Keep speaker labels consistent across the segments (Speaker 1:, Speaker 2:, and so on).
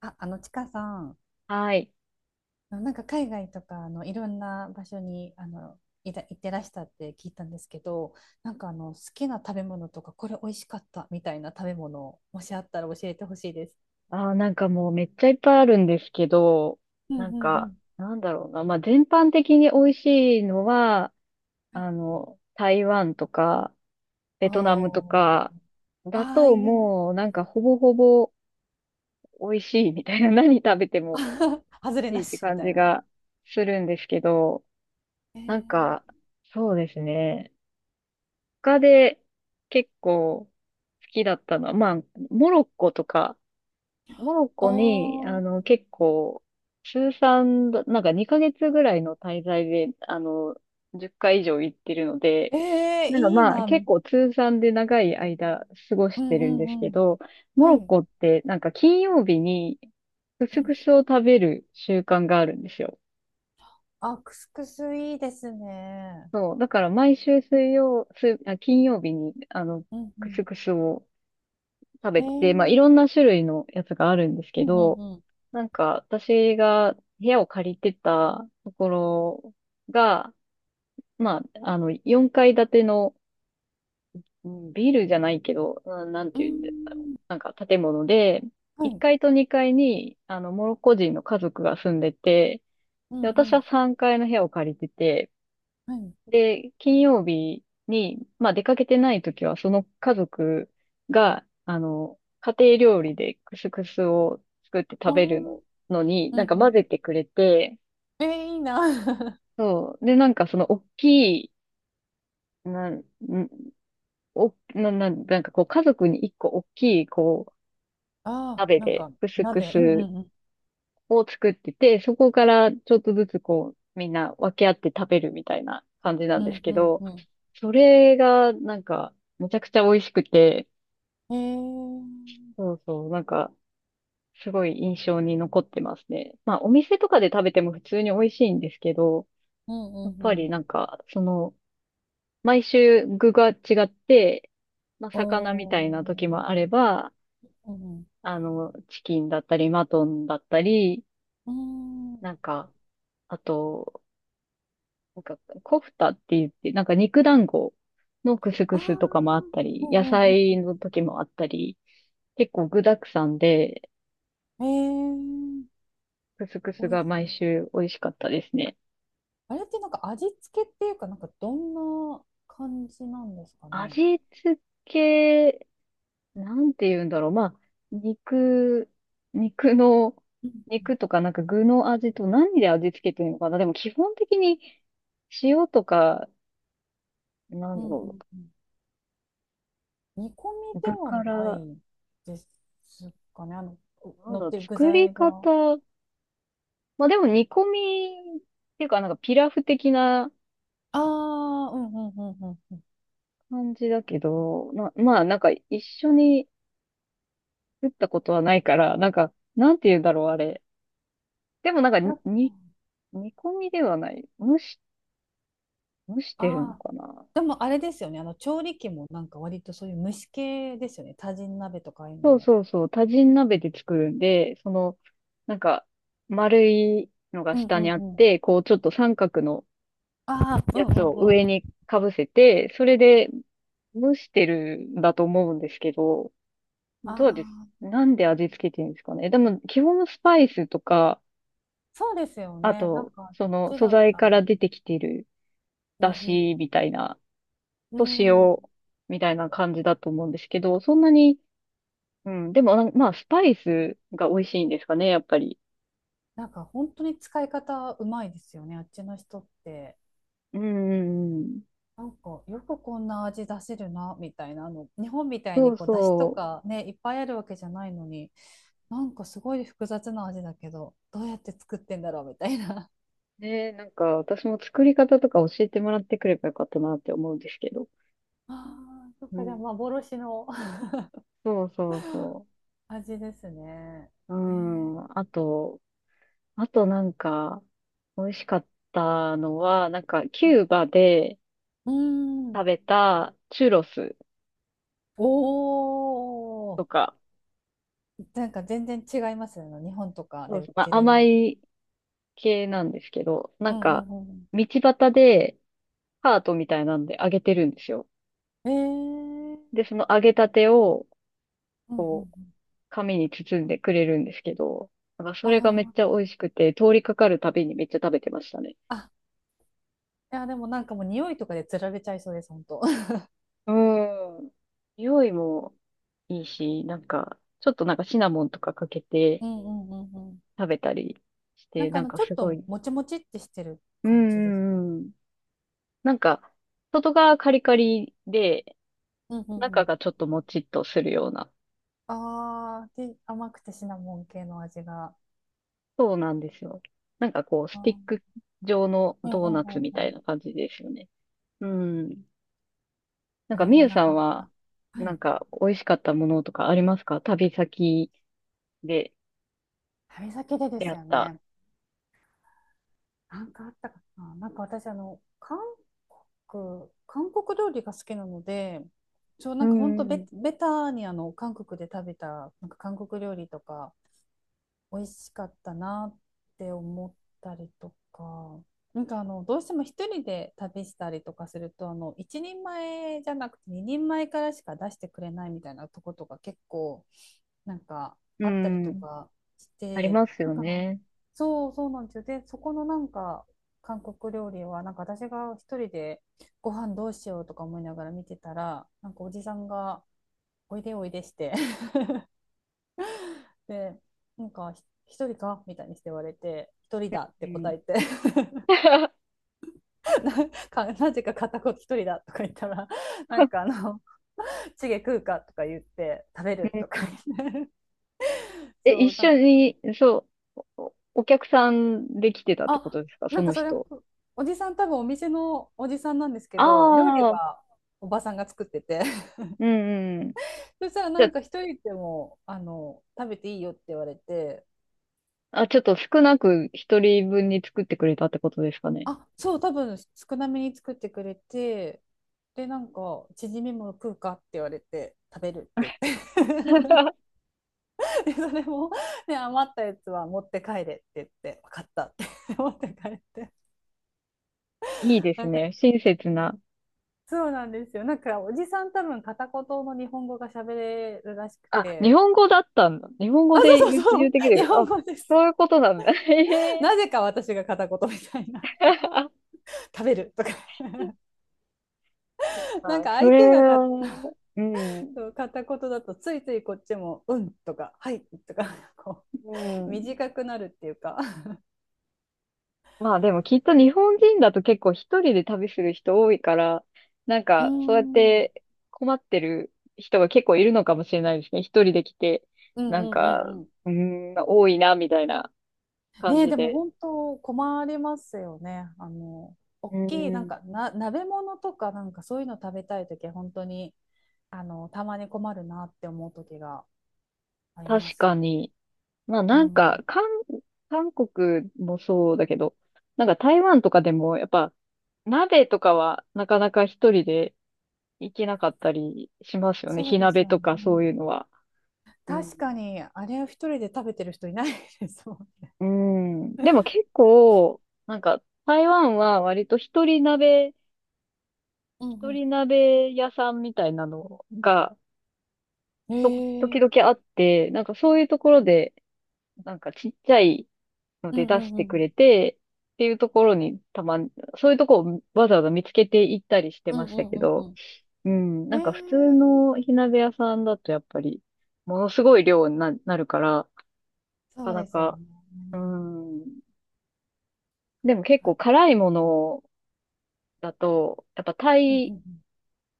Speaker 1: あ、ちかさん、
Speaker 2: はい。
Speaker 1: なんか海外とか、いろんな場所に、行ってらしたって聞いたんですけど、なんか好きな食べ物とか、これ美味しかったみたいな食べ物、もしあったら教えてほしいです。
Speaker 2: なんかもうめっちゃいっぱいあるんですけど、
Speaker 1: うん
Speaker 2: なん
Speaker 1: うんう
Speaker 2: か、
Speaker 1: ん。
Speaker 2: なんだろうな。まあ、全般的に美味しいのは、台湾とか、ベトナムと
Speaker 1: おー、
Speaker 2: か、だ
Speaker 1: ああ、
Speaker 2: と
Speaker 1: いえ。
Speaker 2: もうなんかほぼほぼ美味しいみたいな、何食べても 美
Speaker 1: 外
Speaker 2: 味
Speaker 1: れ
Speaker 2: しい
Speaker 1: な
Speaker 2: って
Speaker 1: し、み
Speaker 2: 感
Speaker 1: た
Speaker 2: じ
Speaker 1: いな。
Speaker 2: がするんですけど、
Speaker 1: え
Speaker 2: なんか、
Speaker 1: ー、
Speaker 2: そうですね。他で結構好きだったのは、まあ、モロッコとか、モロッコに、
Speaker 1: おー、
Speaker 2: 結構、通算なんか2ヶ月ぐらいの滞在で、10回以上行ってるので、
Speaker 1: えー、
Speaker 2: なんか
Speaker 1: いい
Speaker 2: まあ、
Speaker 1: な。う
Speaker 2: 結
Speaker 1: ん
Speaker 2: 構通算で長い間過ごし
Speaker 1: う
Speaker 2: てるんです
Speaker 1: ん
Speaker 2: け
Speaker 1: うん。
Speaker 2: ど、モ
Speaker 1: は
Speaker 2: ロッ
Speaker 1: い。
Speaker 2: コって、なんか金曜日に、ク
Speaker 1: う
Speaker 2: ス
Speaker 1: ん
Speaker 2: クスを食べる習慣があるんですよ。
Speaker 1: あ、クスクスいいですね。
Speaker 2: そう、だから毎週水曜、水、あ、金曜日に、
Speaker 1: うんう
Speaker 2: クス
Speaker 1: ん。
Speaker 2: クスを食
Speaker 1: え
Speaker 2: べてて、まあ、いろん
Speaker 1: ー、
Speaker 2: な種類のやつがあるんです
Speaker 1: う
Speaker 2: け
Speaker 1: んう
Speaker 2: ど、
Speaker 1: んうん。
Speaker 2: なんか、私が部屋を借りてたところが、まあ、4階建てのうんビルじゃないけど、なん
Speaker 1: うー
Speaker 2: ていうんだろう。
Speaker 1: ん
Speaker 2: なんか建物で、
Speaker 1: は
Speaker 2: 1
Speaker 1: い。
Speaker 2: 階と2階に、モロッコ人の家族が住んでて、
Speaker 1: う
Speaker 2: で、
Speaker 1: んう
Speaker 2: 私は
Speaker 1: ん。
Speaker 2: 3階の部屋を借りてて、
Speaker 1: はい。
Speaker 2: で、金曜日に、まあ、出かけてない時は、その家族が、家庭料理でクスクスを作って
Speaker 1: あ
Speaker 2: 食
Speaker 1: あ、
Speaker 2: べる
Speaker 1: う
Speaker 2: の、
Speaker 1: ん
Speaker 2: のに、なんか
Speaker 1: う
Speaker 2: 混ぜてくれて、
Speaker 1: ん。えー、いいな。
Speaker 2: そう。で、なんかその大きい、なん、んお、な、な、なんかこう家族に一個大きいこう
Speaker 1: ああ、
Speaker 2: 鍋
Speaker 1: なん
Speaker 2: で
Speaker 1: か、
Speaker 2: クスク
Speaker 1: 鍋。うんう
Speaker 2: ス
Speaker 1: んうん。
Speaker 2: を作ってて、そこからちょっとずつこうみんな分け合って食べるみたいな感じな
Speaker 1: う
Speaker 2: んです
Speaker 1: ん
Speaker 2: け
Speaker 1: うん
Speaker 2: ど、
Speaker 1: う
Speaker 2: それがなんかめちゃくちゃ美味しくて、
Speaker 1: ん。え
Speaker 2: そ
Speaker 1: ー。
Speaker 2: うそう、なんかすごい印象に残ってますね。まあお店とかで食べても普通に美味しいんですけど、
Speaker 1: うんう
Speaker 2: やっ
Speaker 1: ん
Speaker 2: ぱ
Speaker 1: う
Speaker 2: り
Speaker 1: ん。
Speaker 2: なんかその毎週具が違って、まあ、魚みたいな
Speaker 1: お
Speaker 2: 時
Speaker 1: ー。
Speaker 2: もあれば、
Speaker 1: うん
Speaker 2: チキンだったり、マトンだったり、
Speaker 1: うん。うー
Speaker 2: な
Speaker 1: ん。
Speaker 2: んか、あと、なんか、コフタって言って、なんか肉団子のクスク
Speaker 1: ああ、
Speaker 2: スとかもあった
Speaker 1: う
Speaker 2: り、野
Speaker 1: んう
Speaker 2: 菜
Speaker 1: ん
Speaker 2: の時もあったり、結構具沢山で、
Speaker 1: うん。えー。
Speaker 2: クスクス
Speaker 1: おい
Speaker 2: が
Speaker 1: し
Speaker 2: 毎週美味しかったですね。
Speaker 1: あれってなんか味付けっていうか、なんかどんな感じなんですかね。
Speaker 2: 味付け、なんて言うんだろう。まあ、肉、肉の、
Speaker 1: うんうん
Speaker 2: 肉とかなんか具の味と何で味付けてるのかな。でも基本的に塩とか、なん
Speaker 1: うん
Speaker 2: だ
Speaker 1: う
Speaker 2: ろ
Speaker 1: んうん。煮込み
Speaker 2: う、
Speaker 1: で
Speaker 2: 具
Speaker 1: は
Speaker 2: か
Speaker 1: な
Speaker 2: ら、
Speaker 1: いですかね。
Speaker 2: なん
Speaker 1: 乗
Speaker 2: だ
Speaker 1: っ
Speaker 2: ろ
Speaker 1: て
Speaker 2: う、
Speaker 1: る具
Speaker 2: 作り
Speaker 1: 材が。
Speaker 2: 方。まあでも煮込みっていうかなんかピラフ的な
Speaker 1: ああ、うんうんうんうんうん。
Speaker 2: 感じだけど、まあなんか一緒に作ったことはないから、なんか、なんて言うんだろう、あれ。でもなんか
Speaker 1: なんか、
Speaker 2: 煮込みではない。蒸してるの
Speaker 1: ああ、
Speaker 2: かな。
Speaker 1: でもあれですよね。調理器もなんか割とそういう蒸し系ですよね。多人鍋とかああいうの
Speaker 2: そう
Speaker 1: も。
Speaker 2: そうそう、多人鍋で作るんで、その、なんか、丸いのが
Speaker 1: うん
Speaker 2: 下
Speaker 1: う
Speaker 2: に
Speaker 1: ん
Speaker 2: あっ
Speaker 1: うん。
Speaker 2: て、こう、ちょっと三角の
Speaker 1: ああ、う
Speaker 2: や
Speaker 1: んうん
Speaker 2: つを
Speaker 1: うん。
Speaker 2: 上にかぶせて、それで蒸してるんだと思うんですけど、
Speaker 1: あ
Speaker 2: どうです、
Speaker 1: あ、
Speaker 2: なんで味付けてるんですかね。でも、基本スパイスとか、
Speaker 1: そうですよ
Speaker 2: あ
Speaker 1: ね。なん
Speaker 2: と、
Speaker 1: か、あっ
Speaker 2: その
Speaker 1: ち
Speaker 2: 素
Speaker 1: だっ
Speaker 2: 材
Speaker 1: た
Speaker 2: から
Speaker 1: ら。
Speaker 2: 出てきてる
Speaker 1: う
Speaker 2: 出
Speaker 1: ん
Speaker 2: 汁みたいな、
Speaker 1: う
Speaker 2: と塩
Speaker 1: ん。うん。
Speaker 2: みたいな感じだと思うんですけど、そんなに、うん、でも、まあ、スパイスが美味しいんですかね、やっぱり。
Speaker 1: なんか本当に使い方うまいですよね。あっちの人って。
Speaker 2: うんうんうん。
Speaker 1: なんか、よくこんな味出せるな、みたいな。日本みたい
Speaker 2: そ
Speaker 1: に
Speaker 2: う
Speaker 1: こう、出汁と
Speaker 2: そ
Speaker 1: かね、いっぱいあるわけじゃないのに。なんかすごい複雑な味だけど、どうやって作ってんだろうみたいな。
Speaker 2: う。ねえ、なんか私も作り方とか教えてもらってくればよかったなって思うんですけど。
Speaker 1: ああ、そっ
Speaker 2: う
Speaker 1: か、じゃあ
Speaker 2: ん。
Speaker 1: 幻の
Speaker 2: そうそうそ
Speaker 1: 味ですね。
Speaker 2: う。
Speaker 1: え
Speaker 2: うん。あとなんか、美味しかったのは、なんか、キ
Speaker 1: ー、
Speaker 2: ューバで
Speaker 1: うーん。
Speaker 2: 食べたチュロス
Speaker 1: おー。
Speaker 2: とか、
Speaker 1: なんか全然違いますよね。日本とか
Speaker 2: そ
Speaker 1: で
Speaker 2: う
Speaker 1: 売っ
Speaker 2: そう、ま
Speaker 1: て
Speaker 2: あ、
Speaker 1: る
Speaker 2: 甘
Speaker 1: よ。
Speaker 2: い系なんですけど、な
Speaker 1: う
Speaker 2: ん
Speaker 1: ん
Speaker 2: か、
Speaker 1: うん
Speaker 2: 道端でハートみたいなんで揚げてるんですよ。
Speaker 1: うん。えー。
Speaker 2: で、その揚げたてを、
Speaker 1: うんうんう
Speaker 2: こ
Speaker 1: ん。
Speaker 2: う、紙に包んでくれるんですけど、なんかそれがめっちゃ
Speaker 1: あ
Speaker 2: 美味しくて、通りかかるたびにめっちゃ食べてましたね。
Speaker 1: あ。あ、いや、でもなんかもう匂いとかでつられちゃいそうです、本当。
Speaker 2: うん。匂いもいいし、なんか、ちょっとなんかシナモンとかかけて
Speaker 1: うんうんうんうん。
Speaker 2: 食べたりし
Speaker 1: な
Speaker 2: て、
Speaker 1: んか
Speaker 2: なんか
Speaker 1: ちょ
Speaker 2: す
Speaker 1: っ
Speaker 2: ご
Speaker 1: と
Speaker 2: い。
Speaker 1: もちもちってしてる
Speaker 2: う
Speaker 1: 感じです。
Speaker 2: んうんうん。なんか、外側カリカリで、
Speaker 1: うんう
Speaker 2: 中
Speaker 1: ん
Speaker 2: がちょっともちっとするような。
Speaker 1: ああ、で、甘くてシナモン系の味が。
Speaker 2: そうなんですよ。なんかこう、
Speaker 1: あ
Speaker 2: スティック
Speaker 1: ー
Speaker 2: 状の
Speaker 1: うん
Speaker 2: ドー
Speaker 1: うん
Speaker 2: ナ
Speaker 1: う
Speaker 2: ツ
Speaker 1: ん
Speaker 2: み
Speaker 1: う
Speaker 2: たい
Speaker 1: ん。
Speaker 2: な感じですよね。うん。な
Speaker 1: あ
Speaker 2: んか、
Speaker 1: れ
Speaker 2: み
Speaker 1: も
Speaker 2: ゆ
Speaker 1: な
Speaker 2: さ
Speaker 1: か
Speaker 2: ん
Speaker 1: な
Speaker 2: は、
Speaker 1: か。は
Speaker 2: な
Speaker 1: い。
Speaker 2: んか、美味しかったものとかありますか旅先で
Speaker 1: 旅先でで
Speaker 2: 出会
Speaker 1: す
Speaker 2: っ
Speaker 1: よ
Speaker 2: た？
Speaker 1: ね。なんかあったかな。なんか私、韓国料理が好きなので、そう、
Speaker 2: う
Speaker 1: なんか本当
Speaker 2: ん、うん、
Speaker 1: ベタに韓国で食べた、なんか韓国料理とか、美味しかったなって思ったりとか、なんかどうしても一人で旅したりとかすると、一人前じゃなくて二人前からしか出してくれないみたいなとことか結構なんかあったりとかし
Speaker 2: あり
Speaker 1: て、
Speaker 2: ます
Speaker 1: な
Speaker 2: よ
Speaker 1: んか
Speaker 2: ね。
Speaker 1: そうそうなんですよ。で、そこのなんか韓国料理はなんか私が一人でご飯どうしようとか思いながら見てたら、なんかおじさんがおいでおいでしてで、なんか、一人かみたいにして言われて、一人だっ
Speaker 2: う
Speaker 1: て答
Speaker 2: ん。
Speaker 1: えて
Speaker 2: う
Speaker 1: なぜか片言一人だとか言ったら、なんかチゲ食うかとか言って、食べるとか
Speaker 2: ん
Speaker 1: 言って
Speaker 2: え、一
Speaker 1: そう、なん
Speaker 2: 緒
Speaker 1: か、
Speaker 2: に、そう、お客さんで来てたってこ
Speaker 1: あ、
Speaker 2: とですか
Speaker 1: な
Speaker 2: そ
Speaker 1: んか
Speaker 2: の
Speaker 1: それ、
Speaker 2: 人？
Speaker 1: おじさん多分お店のおじさんなんですけ
Speaker 2: あ
Speaker 1: ど、料理
Speaker 2: あ、う
Speaker 1: はおばさんが作ってて、
Speaker 2: んうん。
Speaker 1: そしたら
Speaker 2: じ
Speaker 1: なん
Speaker 2: ゃ
Speaker 1: か一人でも、食べていいよって言われて、
Speaker 2: あ、ちょっと少なく一人分に作ってくれたってことですかね？
Speaker 1: あ、そう、多分少なめに作ってくれて、で、なんか、チヂミも食うかって言われて、食べるって言って で、それも、ね、余ったやつは持って帰れって言って、分かったって 持って帰って。
Speaker 2: いいで
Speaker 1: な
Speaker 2: す
Speaker 1: んか、
Speaker 2: ね。親切な。
Speaker 1: そうなんですよ。なんか、おじさん多分片言の日本語が喋れるらしく
Speaker 2: あ、日
Speaker 1: て、
Speaker 2: 本語だったんだ。日本語
Speaker 1: あ、
Speaker 2: で
Speaker 1: そうそ
Speaker 2: 言
Speaker 1: う
Speaker 2: う、
Speaker 1: そ
Speaker 2: 言う
Speaker 1: う、
Speaker 2: てきて
Speaker 1: 日
Speaker 2: る。
Speaker 1: 本
Speaker 2: あ、
Speaker 1: 語です。
Speaker 2: そういうことなんだ。へえ。
Speaker 1: なぜか私が片言みたいな、食べるとか な
Speaker 2: ま
Speaker 1: ん
Speaker 2: あ、
Speaker 1: か
Speaker 2: そ
Speaker 1: 相
Speaker 2: れ
Speaker 1: 手がか
Speaker 2: は、うん、う
Speaker 1: そう片言だとついついこっちも「うん」とか「はい」とか こう
Speaker 2: ん。
Speaker 1: 短くなるっていうか
Speaker 2: まあでもきっと日本人だと結構一人で旅する人多いから、なん
Speaker 1: うー
Speaker 2: かそうやっ
Speaker 1: ん
Speaker 2: て困ってる人が結構いるのかもしれないですね。一人で来て、
Speaker 1: うん
Speaker 2: な
Speaker 1: う
Speaker 2: ん
Speaker 1: んうん
Speaker 2: か、
Speaker 1: うん。
Speaker 2: うーん、多いな、みたいな感
Speaker 1: ねえ
Speaker 2: じ
Speaker 1: でも
Speaker 2: で。
Speaker 1: 本当困りますよね。
Speaker 2: う
Speaker 1: 大きいなん
Speaker 2: ん、
Speaker 1: かな鍋物とかなんかそういうの食べたいときは本当にたまに困るなって思うときがありま
Speaker 2: 確
Speaker 1: す
Speaker 2: か
Speaker 1: ね。
Speaker 2: に。まあ
Speaker 1: う
Speaker 2: なんか、
Speaker 1: ん、
Speaker 2: 韓国もそうだけど、なんか台湾とかでもやっぱ鍋とかはなかなか一人で行けなかったりしますよね。
Speaker 1: そう
Speaker 2: 火
Speaker 1: です
Speaker 2: 鍋
Speaker 1: よ
Speaker 2: とかそう
Speaker 1: ね。
Speaker 2: いうのは。うん。
Speaker 1: 確かにあれを一人で食べてる人いないですもんね。
Speaker 2: うん。でも結構、なんか台湾は割と
Speaker 1: う
Speaker 2: 一
Speaker 1: ん
Speaker 2: 人鍋屋さんみたいなのが
Speaker 1: うん。
Speaker 2: と
Speaker 1: へ
Speaker 2: 時
Speaker 1: え。
Speaker 2: 々あって、なんかそういうところで、なんかちっちゃいの
Speaker 1: うん
Speaker 2: で
Speaker 1: う
Speaker 2: 出し
Speaker 1: んう
Speaker 2: てくれ
Speaker 1: ん
Speaker 2: て、っていうところにたまん、そういうとこをわざわざ見つけていったりして
Speaker 1: う
Speaker 2: ま
Speaker 1: ん
Speaker 2: し
Speaker 1: う
Speaker 2: た
Speaker 1: ん
Speaker 2: け
Speaker 1: うんうん
Speaker 2: ど、
Speaker 1: うん
Speaker 2: うん、
Speaker 1: え
Speaker 2: なん
Speaker 1: ー、
Speaker 2: か普通の火鍋屋さんだとやっぱり、ものすごい量になるから、な
Speaker 1: そ
Speaker 2: か
Speaker 1: う
Speaker 2: な
Speaker 1: ですよ
Speaker 2: か、
Speaker 1: ね。
Speaker 2: うん、でも結構辛いものだと、やっぱ
Speaker 1: うんうんうんうん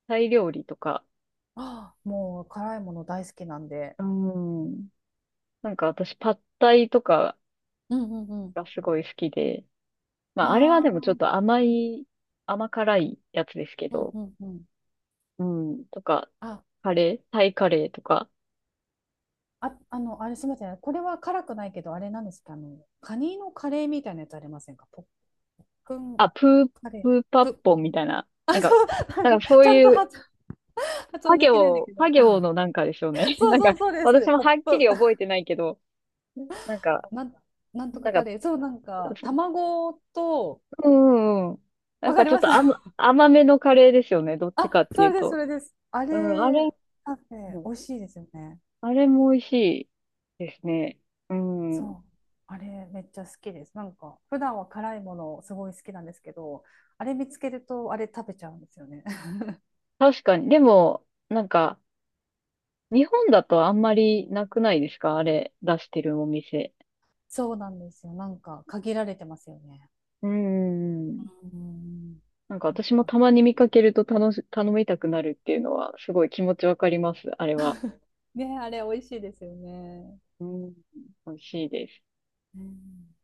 Speaker 2: タイ料理とか、
Speaker 1: あーもう辛いもの大好きなんで。
Speaker 2: うん、なんか私パッタイとか
Speaker 1: うんうんうん。
Speaker 2: がすごい好きで、まああれはでもちょっ
Speaker 1: あ
Speaker 2: と
Speaker 1: あ、
Speaker 2: 甘辛いやつですけ
Speaker 1: うん
Speaker 2: ど、
Speaker 1: うんうん。
Speaker 2: うん、とか、
Speaker 1: あ、
Speaker 2: カレー、タイカレーとか、
Speaker 1: あ、あれすみません。これは辛くないけど、あれなんですか、カニのカレーみたいなやつありませんかポップン
Speaker 2: あ、
Speaker 1: カ
Speaker 2: プ
Speaker 1: レ
Speaker 2: ーパ
Speaker 1: ー。
Speaker 2: ッポンみたいな、
Speaker 1: あ、
Speaker 2: なんか、
Speaker 1: そう、
Speaker 2: なん かそ
Speaker 1: ち
Speaker 2: う
Speaker 1: ゃんと
Speaker 2: いう、
Speaker 1: 発
Speaker 2: パ
Speaker 1: 音できないんだ
Speaker 2: 行、
Speaker 1: けど。
Speaker 2: パ行のなんかでしょうね。
Speaker 1: そう
Speaker 2: なん
Speaker 1: そ
Speaker 2: か、
Speaker 1: うそうです、そう
Speaker 2: 私
Speaker 1: です。
Speaker 2: も
Speaker 1: ポッ
Speaker 2: はっき
Speaker 1: プ。
Speaker 2: り覚えてないけど、なんか、
Speaker 1: なん、なんとか
Speaker 2: なん
Speaker 1: カ
Speaker 2: か、
Speaker 1: レー。そう、なんか、卵と、
Speaker 2: うんうんうん。なん
Speaker 1: わか
Speaker 2: か
Speaker 1: り
Speaker 2: ちょっ
Speaker 1: ます
Speaker 2: と 甘めのカレーですよね。どっちか
Speaker 1: あ、
Speaker 2: って
Speaker 1: そ
Speaker 2: い
Speaker 1: れ
Speaker 2: う
Speaker 1: です、そ
Speaker 2: と。
Speaker 1: れです。あ
Speaker 2: うん、
Speaker 1: れ、カフ
Speaker 2: う
Speaker 1: ェ、
Speaker 2: ん
Speaker 1: 美味しいですよね。
Speaker 2: あれも美味しいですね。うん。
Speaker 1: そう。あれ、めっちゃ好きです。なんか、普段は辛いものすごい好きなんですけど、あれ見つけると、あれ食べちゃうんですよね。
Speaker 2: 確かに。でも、なんか、日本だとあんまりなくないですかあれ出してるお店？
Speaker 1: そうなんですよ。なんか、限られてますよね。
Speaker 2: うーん。
Speaker 1: うん。
Speaker 2: なんか
Speaker 1: ちょっ
Speaker 2: 私も
Speaker 1: と。
Speaker 2: たまに見かけると頼みたくなるっていうのはすごい気持ちわかります。あれは。
Speaker 1: ね、あれ、美味しいですよね。
Speaker 2: うん。美味しいです。
Speaker 1: うん